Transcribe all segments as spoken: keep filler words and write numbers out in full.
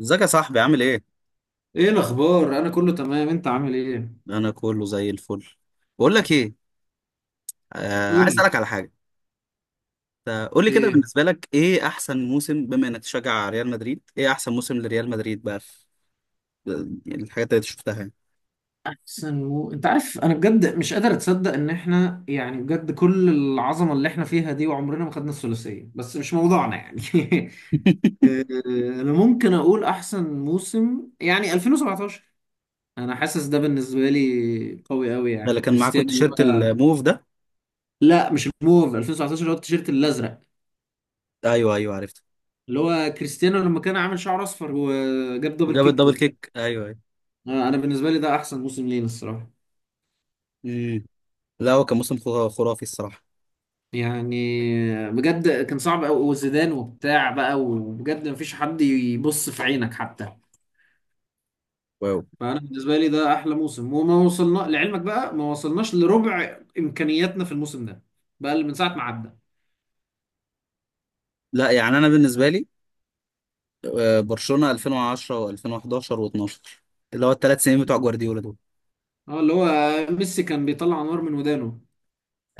ازيك يا صاحبي عامل ايه؟ ايه الاخبار؟ انا كله تمام، انت عامل ايه؟ انا كله زي الفل. بقول لك ايه. آه عايز قول لي. اسالك على حاجه. قول لي كده ايه بالنسبه لك ايه احسن موسم بما انك تشجع ريال مدريد ايه احسن موسم لريال مدريد بقى في؟ يعني الحاجات اللي شفتها يعني. احسن و... انت عارف انا بجد مش قادر اتصدق ان احنا، يعني بجد، كل العظمه اللي احنا فيها دي وعمرنا ما خدنا الثلاثيه، بس مش موضوعنا يعني. آه، انا ممكن اقول احسن موسم يعني ألفين وسبعتاشر. انا حاسس ده بالنسبه لي قوي قوي، ده اللي يعني كان معاكوا كريستيانو. اللي التيشيرت هو الموف ده؟ لا مش الموف، ألفين وتسعة عشر، اللي هو التيشيرت الازرق. ايوه ايوه عرفته. اللي هو كريستيانو لما كان عامل شعر اصفر وجاب دبل وجاب كيك الدبل وبتاع. كيك ايوه ايوه. آه، انا بالنسبه لي ده احسن موسم لينا الصراحه. امم لا هو كان موسم خرا- خرافي الصراحه. يعني بجد كان صعب قوي، وزيدان وبتاع بقى، وبجد مفيش حد يبص في عينك حتى. واو. فانا بالنسبه لي ده احلى موسم، وما وصلنا لعلمك بقى، ما وصلناش لربع امكانياتنا في الموسم ده. بقى اللي من ساعه ما عدى. لا يعني انا بالنسبه لي، آه، برشلونه ألفين وعشرة و2011 و12، اللي هو الثلاث سنين بتوع جوارديولا دول. اه، اللي هو ميسي كان بيطلع نار من ودانه.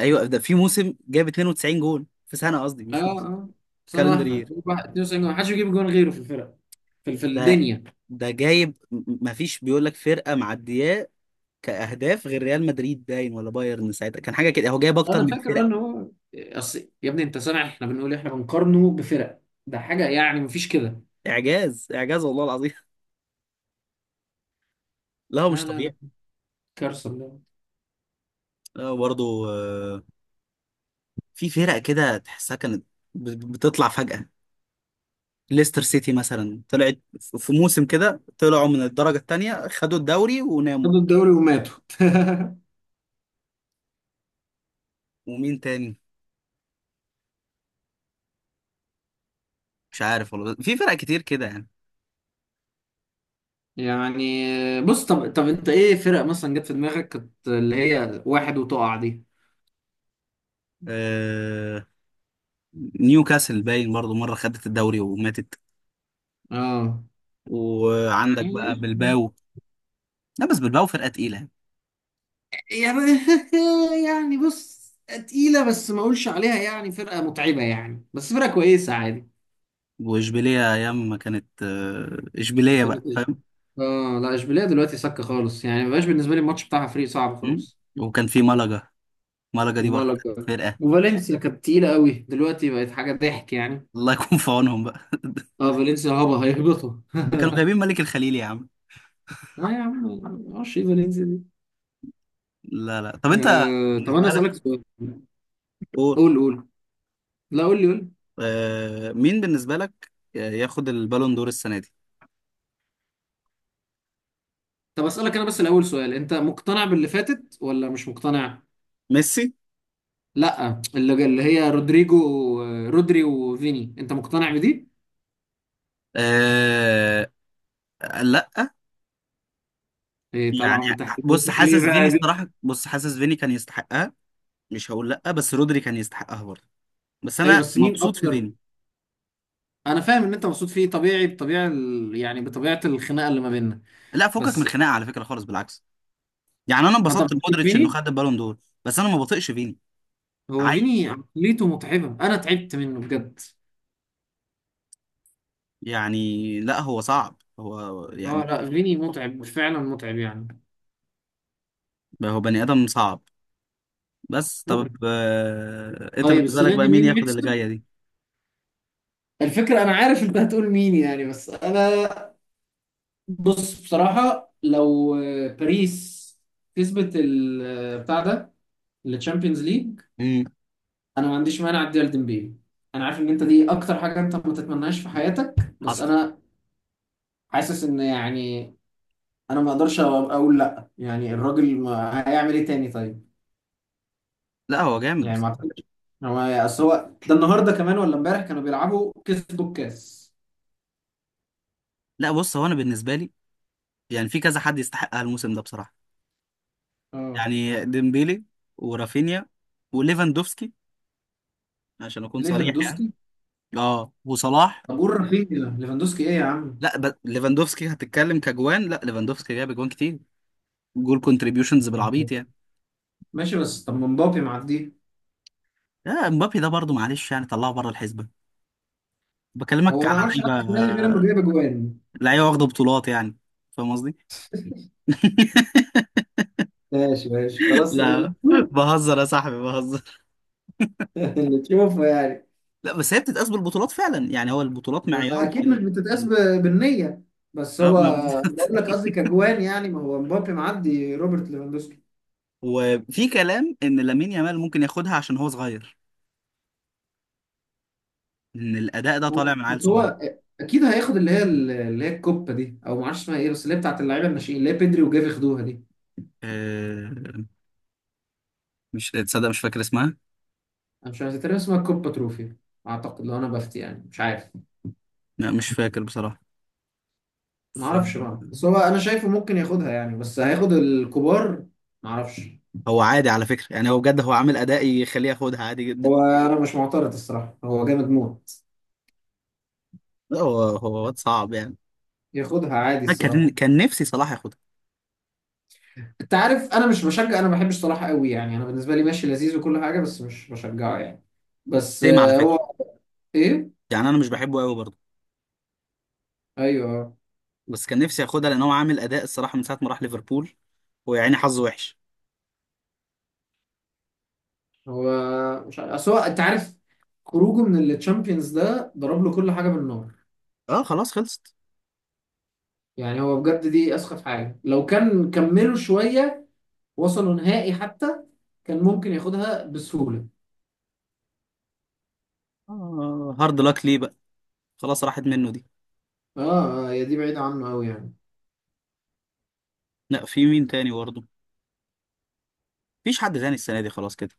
ايوه، ده في موسم جايب اتنين وتسعين جول في سنه، قصدي اه، مش في اه، سنه كالندر واحده. يير. اتنين وتسعين، ما حدش بيجيب جون غيره في الفرق، في في ده الدنيا. ده جايب، ما فيش بيقول لك فرقه معدياه كاهداف غير ريال مدريد، باين ولا بايرن ساعتها، كان حاجه كده هو جايب اكتر انا من فاكر فرق. ان هو اصل يا ابني، انت سامع احنا بنقول إيه؟ احنا بنقارنه بفرق، ده حاجه يعني مفيش كده. اعجاز اعجاز والله العظيم. لا هو مش لا، لا، لا، طبيعي. كارثه. لا برضه، آه، في فرق كده تحسها كانت ب- بتطلع فجاه. ليستر سيتي مثلا طلعت، في موسم كده طلعوا من الدرجه الثانيه، خدوا الدوري وناموا. خدوا الدوري وماتوا. ومين تاني؟ مش عارف والله، في فرق كتير كده يعني. يعني بص، طب طب، انت ايه فرق مثلا جت في دماغك كانت اللي هي واحد وتقع دي؟ آه، نيوكاسل باين برضو، مرة خدت الدوري وماتت. اه، وعندك بقى يعني، بلباو. لا بس بلباو فرقة تقيلة يعني. يعني. يعني بص، تقيلة بس ما اقولش عليها يعني فرقة متعبة يعني، بس فرقة كويسة عادي. وإشبيلية أيام ما كانت آه، ما إشبيلية بقى، كانت- فاهم. اه لا، اشبيليه دلوقتي سكة خالص، يعني ما بقاش بالنسبة لي الماتش بتاعها فريق صعب مم؟ خالص. وكان في ملقا، ملقا دي برضو ومالك، كانت فرقة. وفالنسيا كانت تقيلة قوي، دلوقتي بقت حاجة ضحك يعني. الله يكون في عونهم بقى. اه، فالنسيا هبة هيهبطوا. ده كانوا جايبين ملك الخليل يا عم. اه يا عم، ما اعرفش ايه فالنسيا دي. لا لا، طب أنت آه، طب انا بالنسبة لك؟ اسالك سؤال. قول. قول، قول. لا قول لي، قول لي. آه، مين بالنسبة لك ياخد البالون دور السنة دي؟ طب اسالك انا بس الاول سؤال، انت مقتنع باللي فاتت ولا مش مقتنع؟ ميسي. لا، اللي اللي هي رودريجو. آه، رودري وفيني، انت مقتنع بدي؟ آه. لا ايه يعني، طالعه من تحت بص رجلك ليه حاسس فيني بقى دي؟ الصراحة، بص حاسس فيني كان يستحقها. مش هقول لا، بس رودري كان يستحقها برضه. بس ايوه، انا بس مين مبسوط في اكتر؟ فيني. انا فاهم ان انت مبسوط فيه، طبيعي، بطبيعه ال... يعني بطبيعه الخناقه اللي ما بيننا. لا فكك من بس الخناقه على فكره خالص، بالعكس. يعني انا انت انبسطت بتحب لمودريتش انه فيني. خد البالون دور. بس انا ما بطيقش فيني. هو عيل. فيني عقليته متعبه، انا تعبت منه بجد. يعني لا، هو صعب هو اه يعني. لا، فيني متعب فعلا، متعب يعني. هو بني ادم صعب. بس طب، مقرف. آه... انت طيب بالنسبه لك السنه بقى دي مين مين ياخد اللي يكسب؟ جايه دي؟ الفكرة أنا عارف أنت هتقول مين يعني، بس أنا، بص بصراحة، لو باريس كسبت ال- بتاع ده، الشامبيونز ليج، امم أنا ما عنديش مانع أديها لديمبيلي. أنا عارف إن أنت دي أكتر حاجة أنت ما تتمناش في حياتك، بس حصل. أنا حاسس إن، يعني، أنا ما أقدرش أقول لأ، يعني الراجل ما هيعمل إيه تاني طيب؟ لا هو جامد يعني ما بس. أعتقدش. هو أصل هو ده النهاردة كمان ولا إمبارح كانوا بيلعبوا كسبوا الكاس. لا بص، هو انا بالنسبه لي يعني في كذا حد يستحقها الموسم ده بصراحه، أه، يعني ديمبيلي ورافينيا وليفاندوفسكي، عشان اكون صريح يعني. ليفاندوسكي. اه وصلاح. طب قول رافينيا ليفاندوسكي إيه يا عم؟ لا ب... ليفاندوفسكي هتتكلم كجوان، لا ليفاندوفسكي جاب جوان كتير، جول كونتريبيوشنز بالعبيط يعني. ماشي، بس طب مبابي معديه؟ لا مبابي ده برضه معلش، يعني طلعه بره الحسبه. بكلمك هو ما على عملش حاجه لعيبه، في النادي غير انه جايب اجوان. لعيبه واخده بطولات يعني. فاهم قصدي؟ ماشي ماشي خلاص، لا اللي تشوفه. بهزر يا صاحبي، بهزر. اللي تشوفه يعني. لا بس هي بتتقاس بالبطولات فعلا يعني، هو البطولات ما- معيار في اكيد مش ال... بتتقاس ب- بالنيه. بس اه هو، ما بالظبط. بقول لك قصدي كجوان، يعني ما هو مبابي معدي روبرت ليفاندوسكي. وفي كلام ان لامين يامال ممكن ياخدها عشان هو صغير، ان الاداء ده طالع من عيل بس صغير. هو اكيد هياخد اللي هي اللي هي الكوبا دي، او ما اعرفش اسمها ايه، بس اللي هي بتاعت اللعيبه الناشئين، اللي هي بيدري وجافي خدوها دي. أه... مش تصدق مش فاكر اسمها. انا مش عارف، تقريبا اسمها الكوبا تروفي. اعتقد، لو انا بفتي يعني، مش عارف. لا مش فاكر بصراحه، ما اعرفش فهو. بقى، بس هو انا شايفه ممكن ياخدها يعني، بس هياخد الكبار، ما اعرفش. عادي على فكرة يعني، هو بجد هو عامل أداء يخليه ياخدها عادي جدا. هو انا مش معترض الصراحه، هو جامد موت. لا، هو هو واد صعب يعني. ياخدها عادي أنا كان الصراحه. كان نفسي صلاح ياخدها. انت عارف انا مش بشجع، انا ما بحبش صلاح قوي يعني، انا بالنسبه لي ماشي لذيذ وكل حاجه بس مش بشجعه يعني. بس تيم على آه، فكرة، هو، ايه، يعني أنا مش بحبه قوي برضه. ايوه بس كان نفسي ياخدها لأن هو عامل أداء الصراحة من ساعة ما راح ليفربول، ويا عيني حظه وحش. هو. مش عارف أصل هو، انت عارف، خروجه من التشامبيونز ده ضرب له كل حاجه بالنار. أه خلاص خلصت. يعني هو بجد دي اسخف حاجه، لو كان كملوا شويه، وصلوا نهائي حتى، كان ممكن ياخدها بسهوله. آه هارد لاك ليه بقى، خلاص راحت منه دي. اه، اه هي دي بعيدة عنه أوي يعني. لا في مين تاني برضه؟ مفيش حد تاني السنة دي خلاص كده.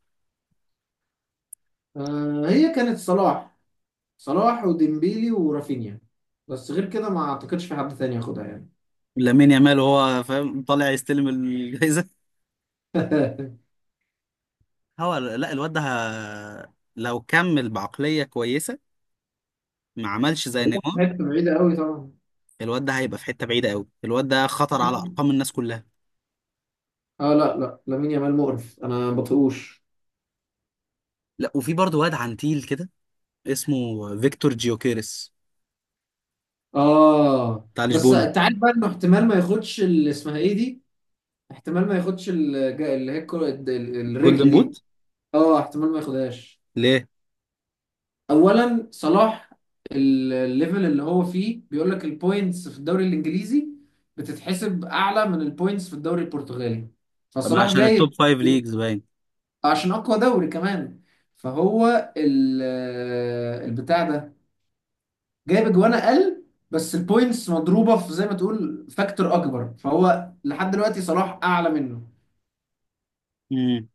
آه هي كانت صلاح، صلاح وديمبيلي ورافينيا، بس غير كده ما أعتقدش في حد تاني ياخدها يعني. لامين يامال وهو فاهم طالع يستلم الجايزة. هو لا، الواد ده، ه- لو كمل بعقلية كويسة، ما عملش زي بعيدة نيمار، حتة، بعيدة أوي طبعا. الواد ده هيبقى في حته بعيده قوي. الواد ده خطر على ارقام الناس كلها. اه لا لا، لامين يامال مقرف، أنا ما بطيقوش. لا وفي برضه واد عنتيل كده، اسمه فيكتور جيوكيرس، اه بتاع بس لشبونه. أنت عارف بقى إنه احتمال ما ياخدش اللي اسمها إيه دي، احتمال ما ياخدش الج- اللي هي الكرة- الرجل جولدن بوت. دي. اه، احتمال ما ياخدهاش. ليه؟ اولا صلاح، ال- الليفل اللي هو فيه بيقول لك، البوينتس في الدوري الانجليزي بتتحسب اعلى من البوينتس في الدوري البرتغالي، ما فصلاح عشان التوب جايب، فايف ليجز باين. عشان اقوى دوري كمان. فهو ال- البتاع ده جايب اجوان اقل، بس البوينتس مضروبه في زي ما تقول فاكتور اكبر، فهو لحد دلوقتي صلاح اعلى منه، امم.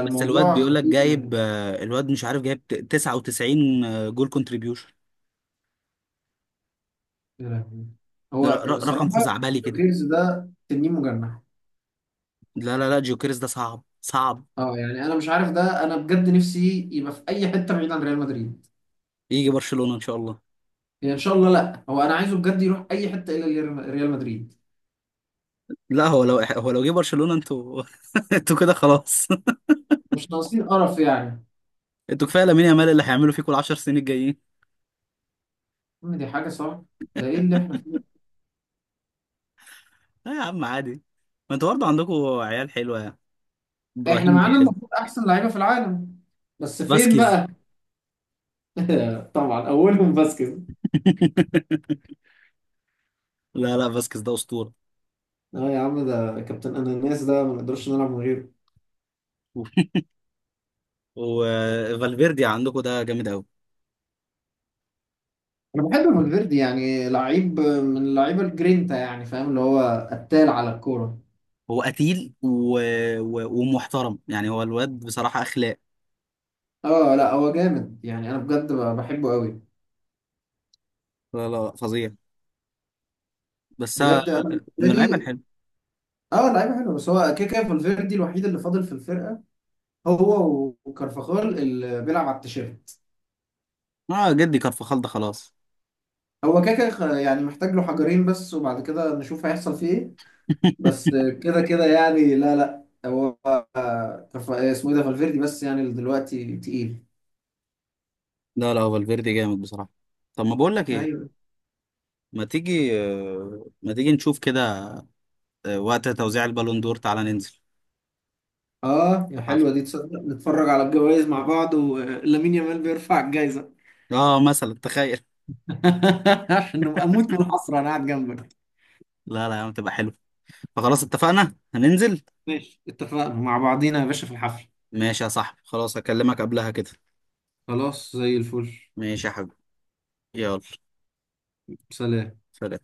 بس الواد بيقول لك خطير يعني. جايب، آه، الواد مش عارف جايب ت- تسعة وتسعين، آه، جول كونتريبيوشن. يا لهوي. ده ر- هو ر- رقم صراحه خزعبلي كده. ديوكيرز ده تنين مجنح. لا لا لا جيوكيرس ده صعب صعب. اه يعني، انا مش عارف، ده انا بجد نفسي يبقى في اي حته بعيد عن ريال مدريد. يجي برشلونه ان شاء الله. يعني ان شاء الله، لا هو انا عايزه بجد يروح اي حته الا ريال ريال مدريد. لا، هو لو هو لو جه برشلونه انتوا، انتوا كده خلاص. مش ناقصين قرف يعني. انتوا كفايه لامين يامال اللي هيعملوا فيكم ال عشر سنين الجايين. أم دي حاجه صعبه، ده ايه اللي احنا فيه ده؟ لا يا عم عادي، ما انتوا برضه عندكم عيال حلوه يعني. احنا ابراهيم معانا دياز. المفروض احسن لعيبه في العالم، بس فين فاسكيز. بقى؟ طبعا اولهم باسكيز. لا لا فاسكيز ده اسطوره. اه يا عم، ده كابتن اناناس، ده ما نقدرش نلعب من غيره. وفالفيردي عندكم ده جامد قوي. انا بحب فالفيردي، يعني لعيب من اللعيبه الجرينتا، يعني فاهم، اللي هو قتال على الكوره. هو قتيل و... و... ومحترم يعني، هو الواد بصراحه اخلاق. اه لا، هو جامد، يعني انا بجد بحبه قوي. لا لا لا، فظيع. بس بجد انا أنا- بالنسبه من اللعيبه لي، الحلوه. اه، لعيبه حلوه، بس هو كده كده فالفيردي الوحيد اللي فاضل في الفرقه، هو وكارفاخال اللي بيلعب على التيشيرت. اه جدي كارفخال ده خلاص. هو كده كده خ- يعني محتاج له حجرين بس، وبعد كده نشوف هيحصل فيه ايه. بس كده كده يعني، لا لا هو، آه، كارف- اسمه ايه ده، فالفيردي، بس يعني اللي دلوقتي تقيل. لا لا هو فالفيردي جامد بصراحة. طب ما بقول لك ايه، ايوه. ما تيجي آه، ما تيجي نشوف كده. آه، وقت توزيع البالون دور تعالى ننزل اه في يا الحفلة. حلوه دي، تصدق نتفرج على الجوائز مع بعض ولامين يامال بيرفع الجايزه؟ اه مثلا تخيل. عشان نبقى اموت من الحسره انا قاعد جنبك. لا لا يا عم تبقى حلو. فخلاص اتفقنا هننزل. ماشي، اتفقنا مع بعضينا يا باشا في الحفل. ماشي يا صاحبي خلاص، هكلمك قبلها كده. خلاص زي الفل. ماشي يا حبيبي. يلا. سلام. سلام.